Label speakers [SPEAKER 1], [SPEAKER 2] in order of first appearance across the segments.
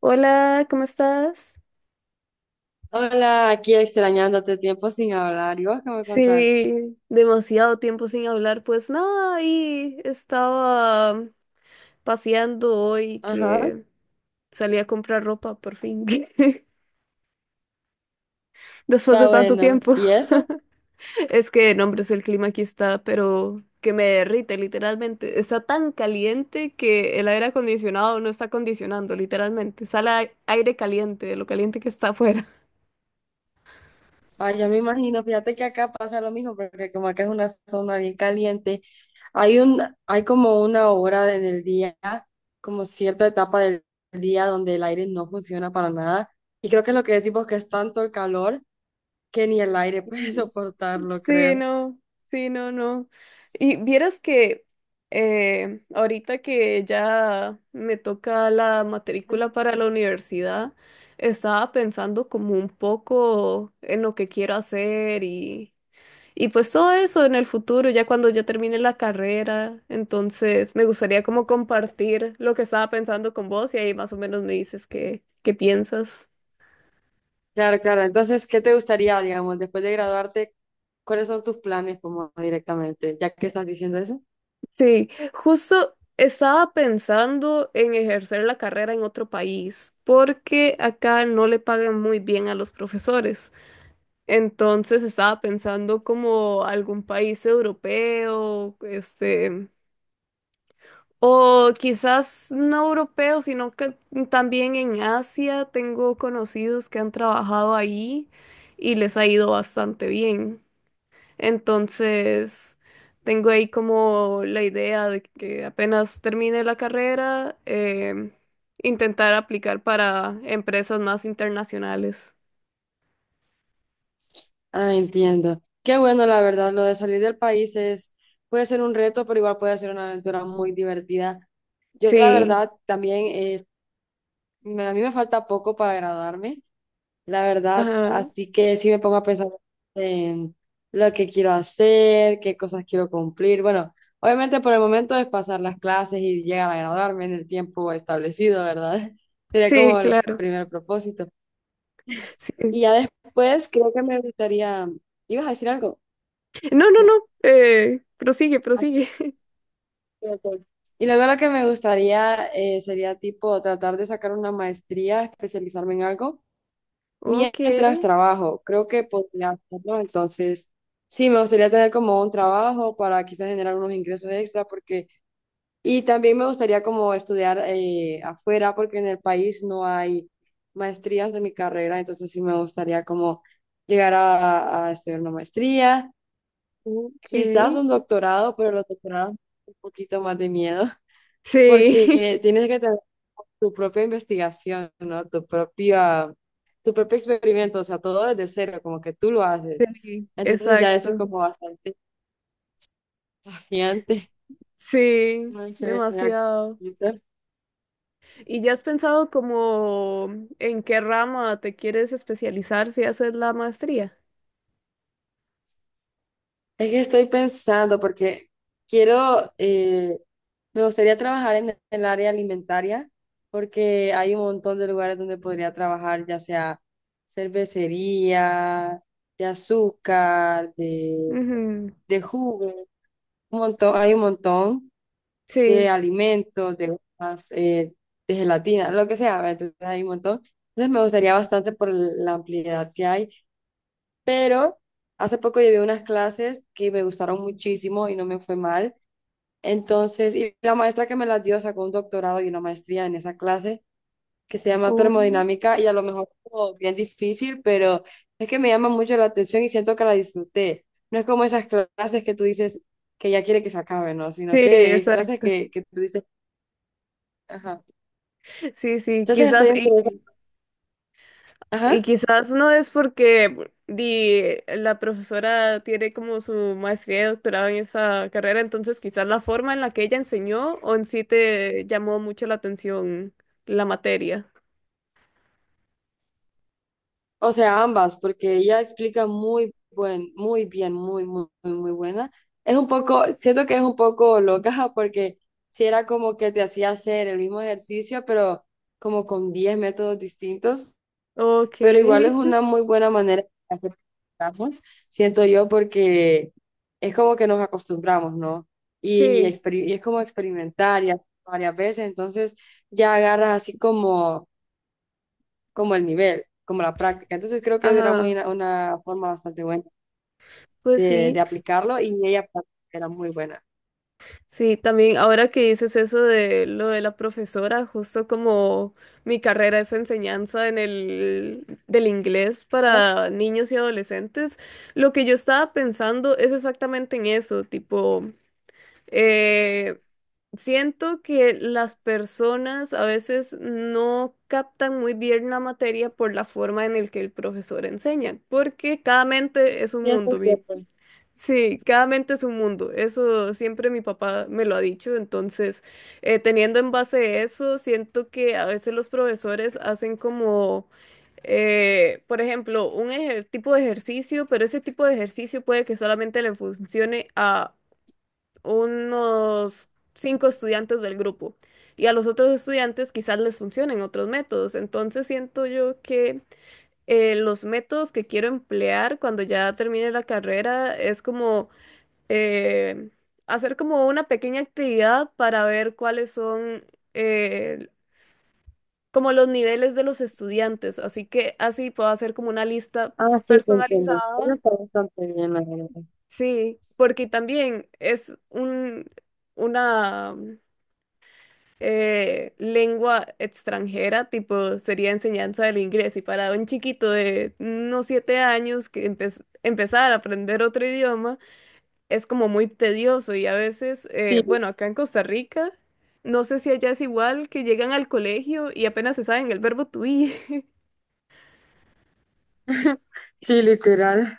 [SPEAKER 1] Hola, ¿cómo estás?
[SPEAKER 2] Hola, aquí extrañándote tiempo sin hablar. ¿Y vos qué me contás?
[SPEAKER 1] Sí, demasiado tiempo sin hablar. Pues nada, ahí estaba paseando hoy
[SPEAKER 2] Ajá,
[SPEAKER 1] que salí a comprar ropa por fin. Después de
[SPEAKER 2] está
[SPEAKER 1] tanto
[SPEAKER 2] bueno.
[SPEAKER 1] tiempo.
[SPEAKER 2] ¿Y eso?
[SPEAKER 1] Es que, no, hombre, es el clima aquí está, pero que me derrite literalmente. Está tan caliente que el aire acondicionado no está acondicionando, literalmente. Sale aire caliente de lo caliente que está afuera.
[SPEAKER 2] Ay, ya me imagino, fíjate que acá pasa lo mismo, porque como acá es una zona bien caliente, hay un, hay como una hora en el día, como cierta etapa del día donde el aire no funciona para nada. Y creo que lo que decimos que es tanto el calor que ni el aire puede
[SPEAKER 1] Dios.
[SPEAKER 2] soportarlo,
[SPEAKER 1] Sí,
[SPEAKER 2] creo.
[SPEAKER 1] no, sí, no, no. Y vieras que ahorita que ya me toca la matrícula para la universidad, estaba pensando como un poco en lo que quiero hacer y pues todo eso en el futuro, ya cuando ya termine la carrera. Entonces me gustaría como compartir lo que estaba pensando con vos y ahí más o menos me dices qué piensas.
[SPEAKER 2] Claro, claro. Entonces, ¿qué te gustaría, digamos, después de graduarte, cuáles son tus planes como directamente, ya que estás diciendo eso?
[SPEAKER 1] Sí, justo estaba pensando en ejercer la carrera en otro país, porque acá no le pagan muy bien a los profesores. Entonces estaba pensando como algún país europeo, este, o quizás no europeo, sino que también en Asia tengo conocidos que han trabajado ahí y les ha ido bastante bien. Entonces, tengo ahí como la idea de que apenas termine la carrera, em, intentar aplicar para empresas más internacionales.
[SPEAKER 2] Ah, entiendo. Qué bueno, la verdad, lo de salir del país es, puede ser un reto, pero igual puede ser una aventura muy divertida. Yo, la
[SPEAKER 1] Sí,
[SPEAKER 2] verdad, también, a mí me falta poco para graduarme, la verdad,
[SPEAKER 1] ajá.
[SPEAKER 2] así que sí me pongo a pensar en lo que quiero hacer, qué cosas quiero cumplir. Bueno, obviamente por el momento es pasar las clases y llegar a graduarme en el tiempo establecido, ¿verdad? Sería
[SPEAKER 1] Sí,
[SPEAKER 2] como el
[SPEAKER 1] claro.
[SPEAKER 2] primer propósito.
[SPEAKER 1] Sí.
[SPEAKER 2] Y ya después creo que me gustaría, ¿ibas a decir algo?
[SPEAKER 1] No, no, no.
[SPEAKER 2] No.
[SPEAKER 1] Prosigue, prosigue.
[SPEAKER 2] Ok. Y luego lo que me gustaría sería tipo tratar de sacar una maestría, especializarme en algo
[SPEAKER 1] Ok,
[SPEAKER 2] mientras trabajo. Creo que podría hacerlo. Entonces, sí, me gustaría tener como un trabajo para quizás generar unos ingresos extra porque, y también me gustaría como estudiar afuera porque en el país no hay maestrías de mi carrera. Entonces, sí me gustaría como llegar a estudiar una maestría, quizás
[SPEAKER 1] ok.
[SPEAKER 2] un doctorado, pero los doctorados un poquito más de miedo.
[SPEAKER 1] Sí,
[SPEAKER 2] Porque tienes que tener tu propia investigación, ¿no? Tu propio experimento, o sea, todo desde cero, como que tú lo haces.
[SPEAKER 1] sí,
[SPEAKER 2] Entonces ya eso es
[SPEAKER 1] exacto.
[SPEAKER 2] como bastante desafiante.
[SPEAKER 1] Sí,
[SPEAKER 2] No sé, mira,
[SPEAKER 1] demasiado.
[SPEAKER 2] ahorita-
[SPEAKER 1] ¿Y ya has pensado como en qué rama te quieres especializar si haces la maestría?
[SPEAKER 2] es que estoy pensando porque quiero, me gustaría trabajar en el área alimentaria porque hay un montón de lugares donde podría trabajar, ya sea cervecería, de azúcar,
[SPEAKER 1] Ujú.
[SPEAKER 2] de jugos. Un montón, hay un montón de
[SPEAKER 1] Sí.
[SPEAKER 2] alimentos, de hojas, de gelatina, lo que sea, ¿verdad? Entonces hay un montón. Entonces me gustaría bastante por la ampliedad que hay, pero hace poco llevé unas clases que me gustaron muchísimo y no me fue mal. Entonces, y la maestra que me las dio sacó un doctorado y una maestría en esa clase que se llama
[SPEAKER 1] Oh,
[SPEAKER 2] termodinámica y a lo mejor como bien difícil, pero es que me llama mucho la atención y siento que la disfruté. No es como esas clases que tú dices que ya quiere que se acabe, ¿no? Sino
[SPEAKER 1] sí,
[SPEAKER 2] que es clases
[SPEAKER 1] exacto.
[SPEAKER 2] que tú dices, ajá.
[SPEAKER 1] Sí, sí,
[SPEAKER 2] Entonces estoy entre,
[SPEAKER 1] y
[SPEAKER 2] ajá,
[SPEAKER 1] quizás no es porque di, la profesora tiene como su maestría y doctorado en esa carrera, entonces quizás la forma en la que ella enseñó o en sí te llamó mucho la atención la materia.
[SPEAKER 2] o sea, ambas, porque ella explica muy bien, muy buena. Es un poco, siento que es un poco loca porque si era como que te hacía hacer el mismo ejercicio, pero como con 10 métodos distintos.
[SPEAKER 1] Ok.
[SPEAKER 2] Pero igual es una muy buena manera de hacer que estamos, siento yo, porque es como que nos acostumbramos, ¿no? Y
[SPEAKER 1] Sí,
[SPEAKER 2] y es como experimentar y hacer varias veces, entonces ya agarras así como, como el nivel, como la práctica. Entonces creo que era muy
[SPEAKER 1] ajá,
[SPEAKER 2] una forma bastante buena
[SPEAKER 1] pues
[SPEAKER 2] de
[SPEAKER 1] sí,
[SPEAKER 2] aplicarlo y ella era muy buena.
[SPEAKER 1] sí, también ahora que dices eso de lo de la profesora, justo como mi carrera es enseñanza en el del inglés
[SPEAKER 2] Ah,
[SPEAKER 1] para niños y adolescentes, lo que yo estaba pensando es exactamente en eso, tipo, eh, siento que las personas a veces no captan muy bien la materia por la forma en el que el profesor enseña, porque cada mente es un
[SPEAKER 2] cierto,
[SPEAKER 1] mundo. Mi
[SPEAKER 2] cierto.
[SPEAKER 1] Sí, cada mente es un mundo. Eso siempre mi papá me lo ha dicho. Entonces, teniendo en base eso, siento que a veces los profesores hacen como, por ejemplo, tipo de ejercicio, pero ese tipo de ejercicio puede que solamente le funcione a unos 5 estudiantes del grupo. Y a los otros estudiantes quizás les funcionen otros métodos. Entonces, siento yo que los métodos que quiero emplear cuando ya termine la carrera es como eh, hacer como una pequeña actividad para ver cuáles son eh, como los niveles de los estudiantes. Así que así puedo hacer como una lista
[SPEAKER 2] Ah, sí, te entiendo. Ella
[SPEAKER 1] personalizada.
[SPEAKER 2] está bastante bien, la verdad.
[SPEAKER 1] Sí, porque también es una lengua extranjera, tipo sería enseñanza del inglés. Y para un chiquito de unos 7 años que empezar a aprender otro idioma, es como muy tedioso y a veces,
[SPEAKER 2] Sí,
[SPEAKER 1] bueno, acá en Costa Rica, no sé si allá es igual, que llegan al colegio y apenas se saben el verbo to be.
[SPEAKER 2] sí, literal.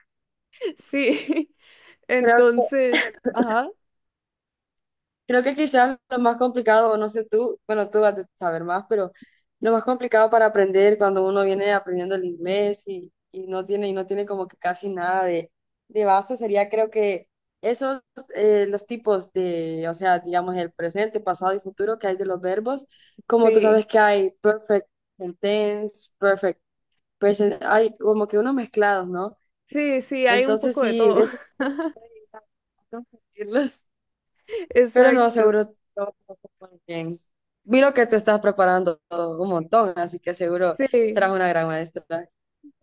[SPEAKER 1] Sí,
[SPEAKER 2] Creo que
[SPEAKER 1] entonces, ajá,
[SPEAKER 2] Creo que quizás lo más complicado, o no sé tú, bueno, tú vas a saber más, pero lo más complicado para aprender cuando uno viene aprendiendo el inglés y no tiene como que casi nada de base sería, creo que esos, los tipos de, o sea, digamos, el presente, pasado y futuro que hay de los verbos, como tú
[SPEAKER 1] sí,
[SPEAKER 2] sabes que hay perfect tense, perfect present, hay como que unos mezclados, ¿no?
[SPEAKER 1] sí, sí, hay un
[SPEAKER 2] Entonces
[SPEAKER 1] poco de
[SPEAKER 2] sí,
[SPEAKER 1] todo.
[SPEAKER 2] es confundirlos. Pero no,
[SPEAKER 1] Exacto,
[SPEAKER 2] seguro todo va muy bien. Miro que te estás preparando un montón, así que seguro serás
[SPEAKER 1] sí.
[SPEAKER 2] una gran maestra.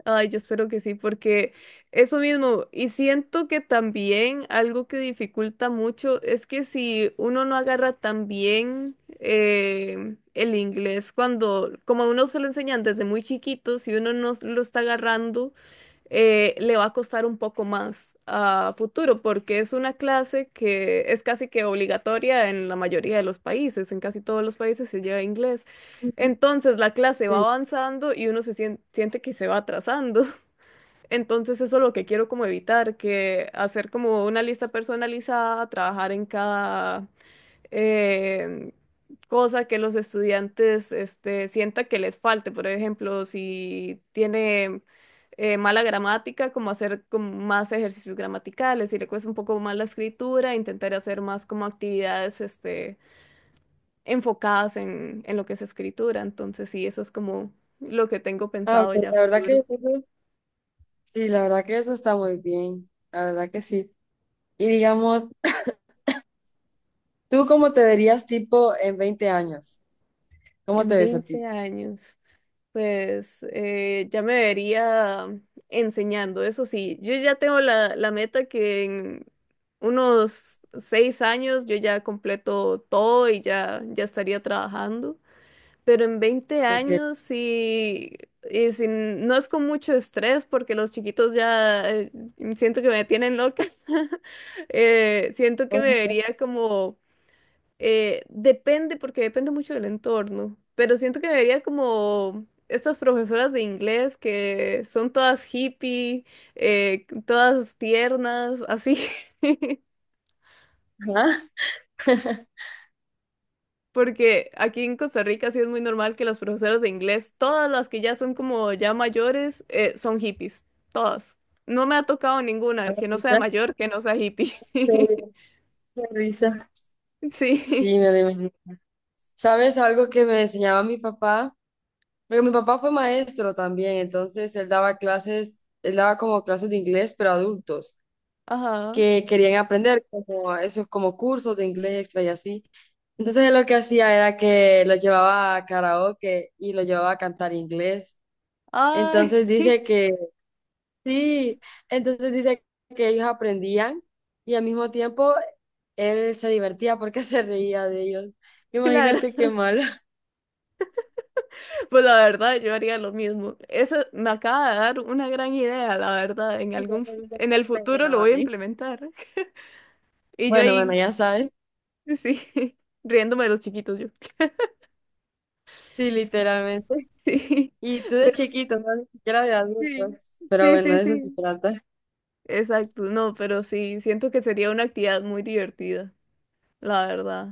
[SPEAKER 1] Ay, yo espero que sí, porque eso mismo, y siento que también algo que dificulta mucho es que si uno no agarra tan bien el inglés, cuando como a uno se lo enseñan desde muy chiquito, si uno no lo está agarrando, le va a costar un poco más a futuro, porque es una clase que es casi que obligatoria en la mayoría de los países, en casi todos los países se lleva inglés.
[SPEAKER 2] Ujú,
[SPEAKER 1] Entonces la clase va
[SPEAKER 2] sí.
[SPEAKER 1] avanzando y uno se siente que se va atrasando. Entonces eso es lo que quiero como evitar, que hacer como una lista personalizada, trabajar en cada eh, cosa que los estudiantes este, sienta que les falte. Por ejemplo, si tiene mala gramática, como hacer como más ejercicios gramaticales. Si le cuesta un poco más la escritura, intentar hacer más como actividades este, enfocadas en lo que es escritura. Entonces, sí, eso es como lo que tengo
[SPEAKER 2] Ah, ok,
[SPEAKER 1] pensado ya a
[SPEAKER 2] la verdad que
[SPEAKER 1] futuro.
[SPEAKER 2] eso- sí, la verdad que eso está muy bien, la verdad que sí. Y digamos, ¿tú cómo te verías tipo en 20 años? ¿Cómo
[SPEAKER 1] En
[SPEAKER 2] te ves a
[SPEAKER 1] 20
[SPEAKER 2] ti?
[SPEAKER 1] años. Pues ya me vería enseñando, eso sí, yo ya tengo la meta que en unos 6 años yo ya completo todo ya estaría trabajando, pero en veinte
[SPEAKER 2] Ok.
[SPEAKER 1] años sí, no es con mucho estrés porque los chiquitos ya siento que me tienen loca, siento que me
[SPEAKER 2] Ajá.
[SPEAKER 1] vería como depende, porque depende mucho del entorno, pero siento que vería como estas profesoras de inglés que son todas hippie, todas tiernas, así. Porque aquí en Costa Rica sí es muy normal que las profesoras de inglés, todas las que ya son como ya mayores, son hippies, todas. No me ha tocado ninguna
[SPEAKER 2] Ahora
[SPEAKER 1] que no
[SPEAKER 2] sí,
[SPEAKER 1] sea
[SPEAKER 2] ya.
[SPEAKER 1] mayor, que no sea hippie.
[SPEAKER 2] Qué Qué risa.
[SPEAKER 1] Sí,
[SPEAKER 2] Sí, me lo imagino. ¿Sabes algo que me enseñaba mi papá? Porque mi papá fue maestro también, entonces él daba clases, él daba como clases de inglés, pero a adultos
[SPEAKER 1] ajá.
[SPEAKER 2] que querían aprender como esos como cursos de inglés extra y así. Entonces él lo que hacía era que lo llevaba a karaoke y lo llevaba a cantar inglés.
[SPEAKER 1] Ay,
[SPEAKER 2] Entonces dice que sí, entonces dice que ellos aprendían y al mismo tiempo él se divertía porque se reía de ellos.
[SPEAKER 1] claro.
[SPEAKER 2] Imagínate qué malo.
[SPEAKER 1] Pues la verdad, yo haría lo mismo. Eso me acaba de dar una gran idea, la verdad. En
[SPEAKER 2] Y yo
[SPEAKER 1] algún,
[SPEAKER 2] te digo,
[SPEAKER 1] en el
[SPEAKER 2] me
[SPEAKER 1] futuro
[SPEAKER 2] río,
[SPEAKER 1] lo voy a
[SPEAKER 2] mami.
[SPEAKER 1] implementar. Y yo
[SPEAKER 2] Bueno,
[SPEAKER 1] ahí,
[SPEAKER 2] bueno, ya sabes.
[SPEAKER 1] sí, riéndome de los chiquitos yo.
[SPEAKER 2] Sí, literalmente.
[SPEAKER 1] Sí,
[SPEAKER 2] Y tú de
[SPEAKER 1] pero
[SPEAKER 2] chiquito, no, ni siquiera de adultos.
[SPEAKER 1] sí,
[SPEAKER 2] Pero
[SPEAKER 1] sí,
[SPEAKER 2] bueno,
[SPEAKER 1] sí,
[SPEAKER 2] de eso se
[SPEAKER 1] sí.
[SPEAKER 2] trata.
[SPEAKER 1] Exacto. No, pero sí, siento que sería una actividad muy divertida, la verdad.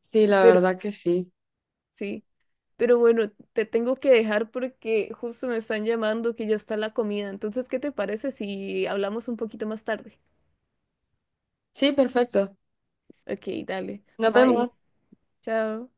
[SPEAKER 2] Sí, la
[SPEAKER 1] Pero
[SPEAKER 2] verdad que sí.
[SPEAKER 1] sí. Pero bueno, te tengo que dejar porque justo me están llamando que ya está la comida. Entonces, ¿qué te parece si hablamos un poquito más tarde?
[SPEAKER 2] Sí, perfecto.
[SPEAKER 1] Ok, dale.
[SPEAKER 2] Nos
[SPEAKER 1] Bye.
[SPEAKER 2] vemos.
[SPEAKER 1] Chao.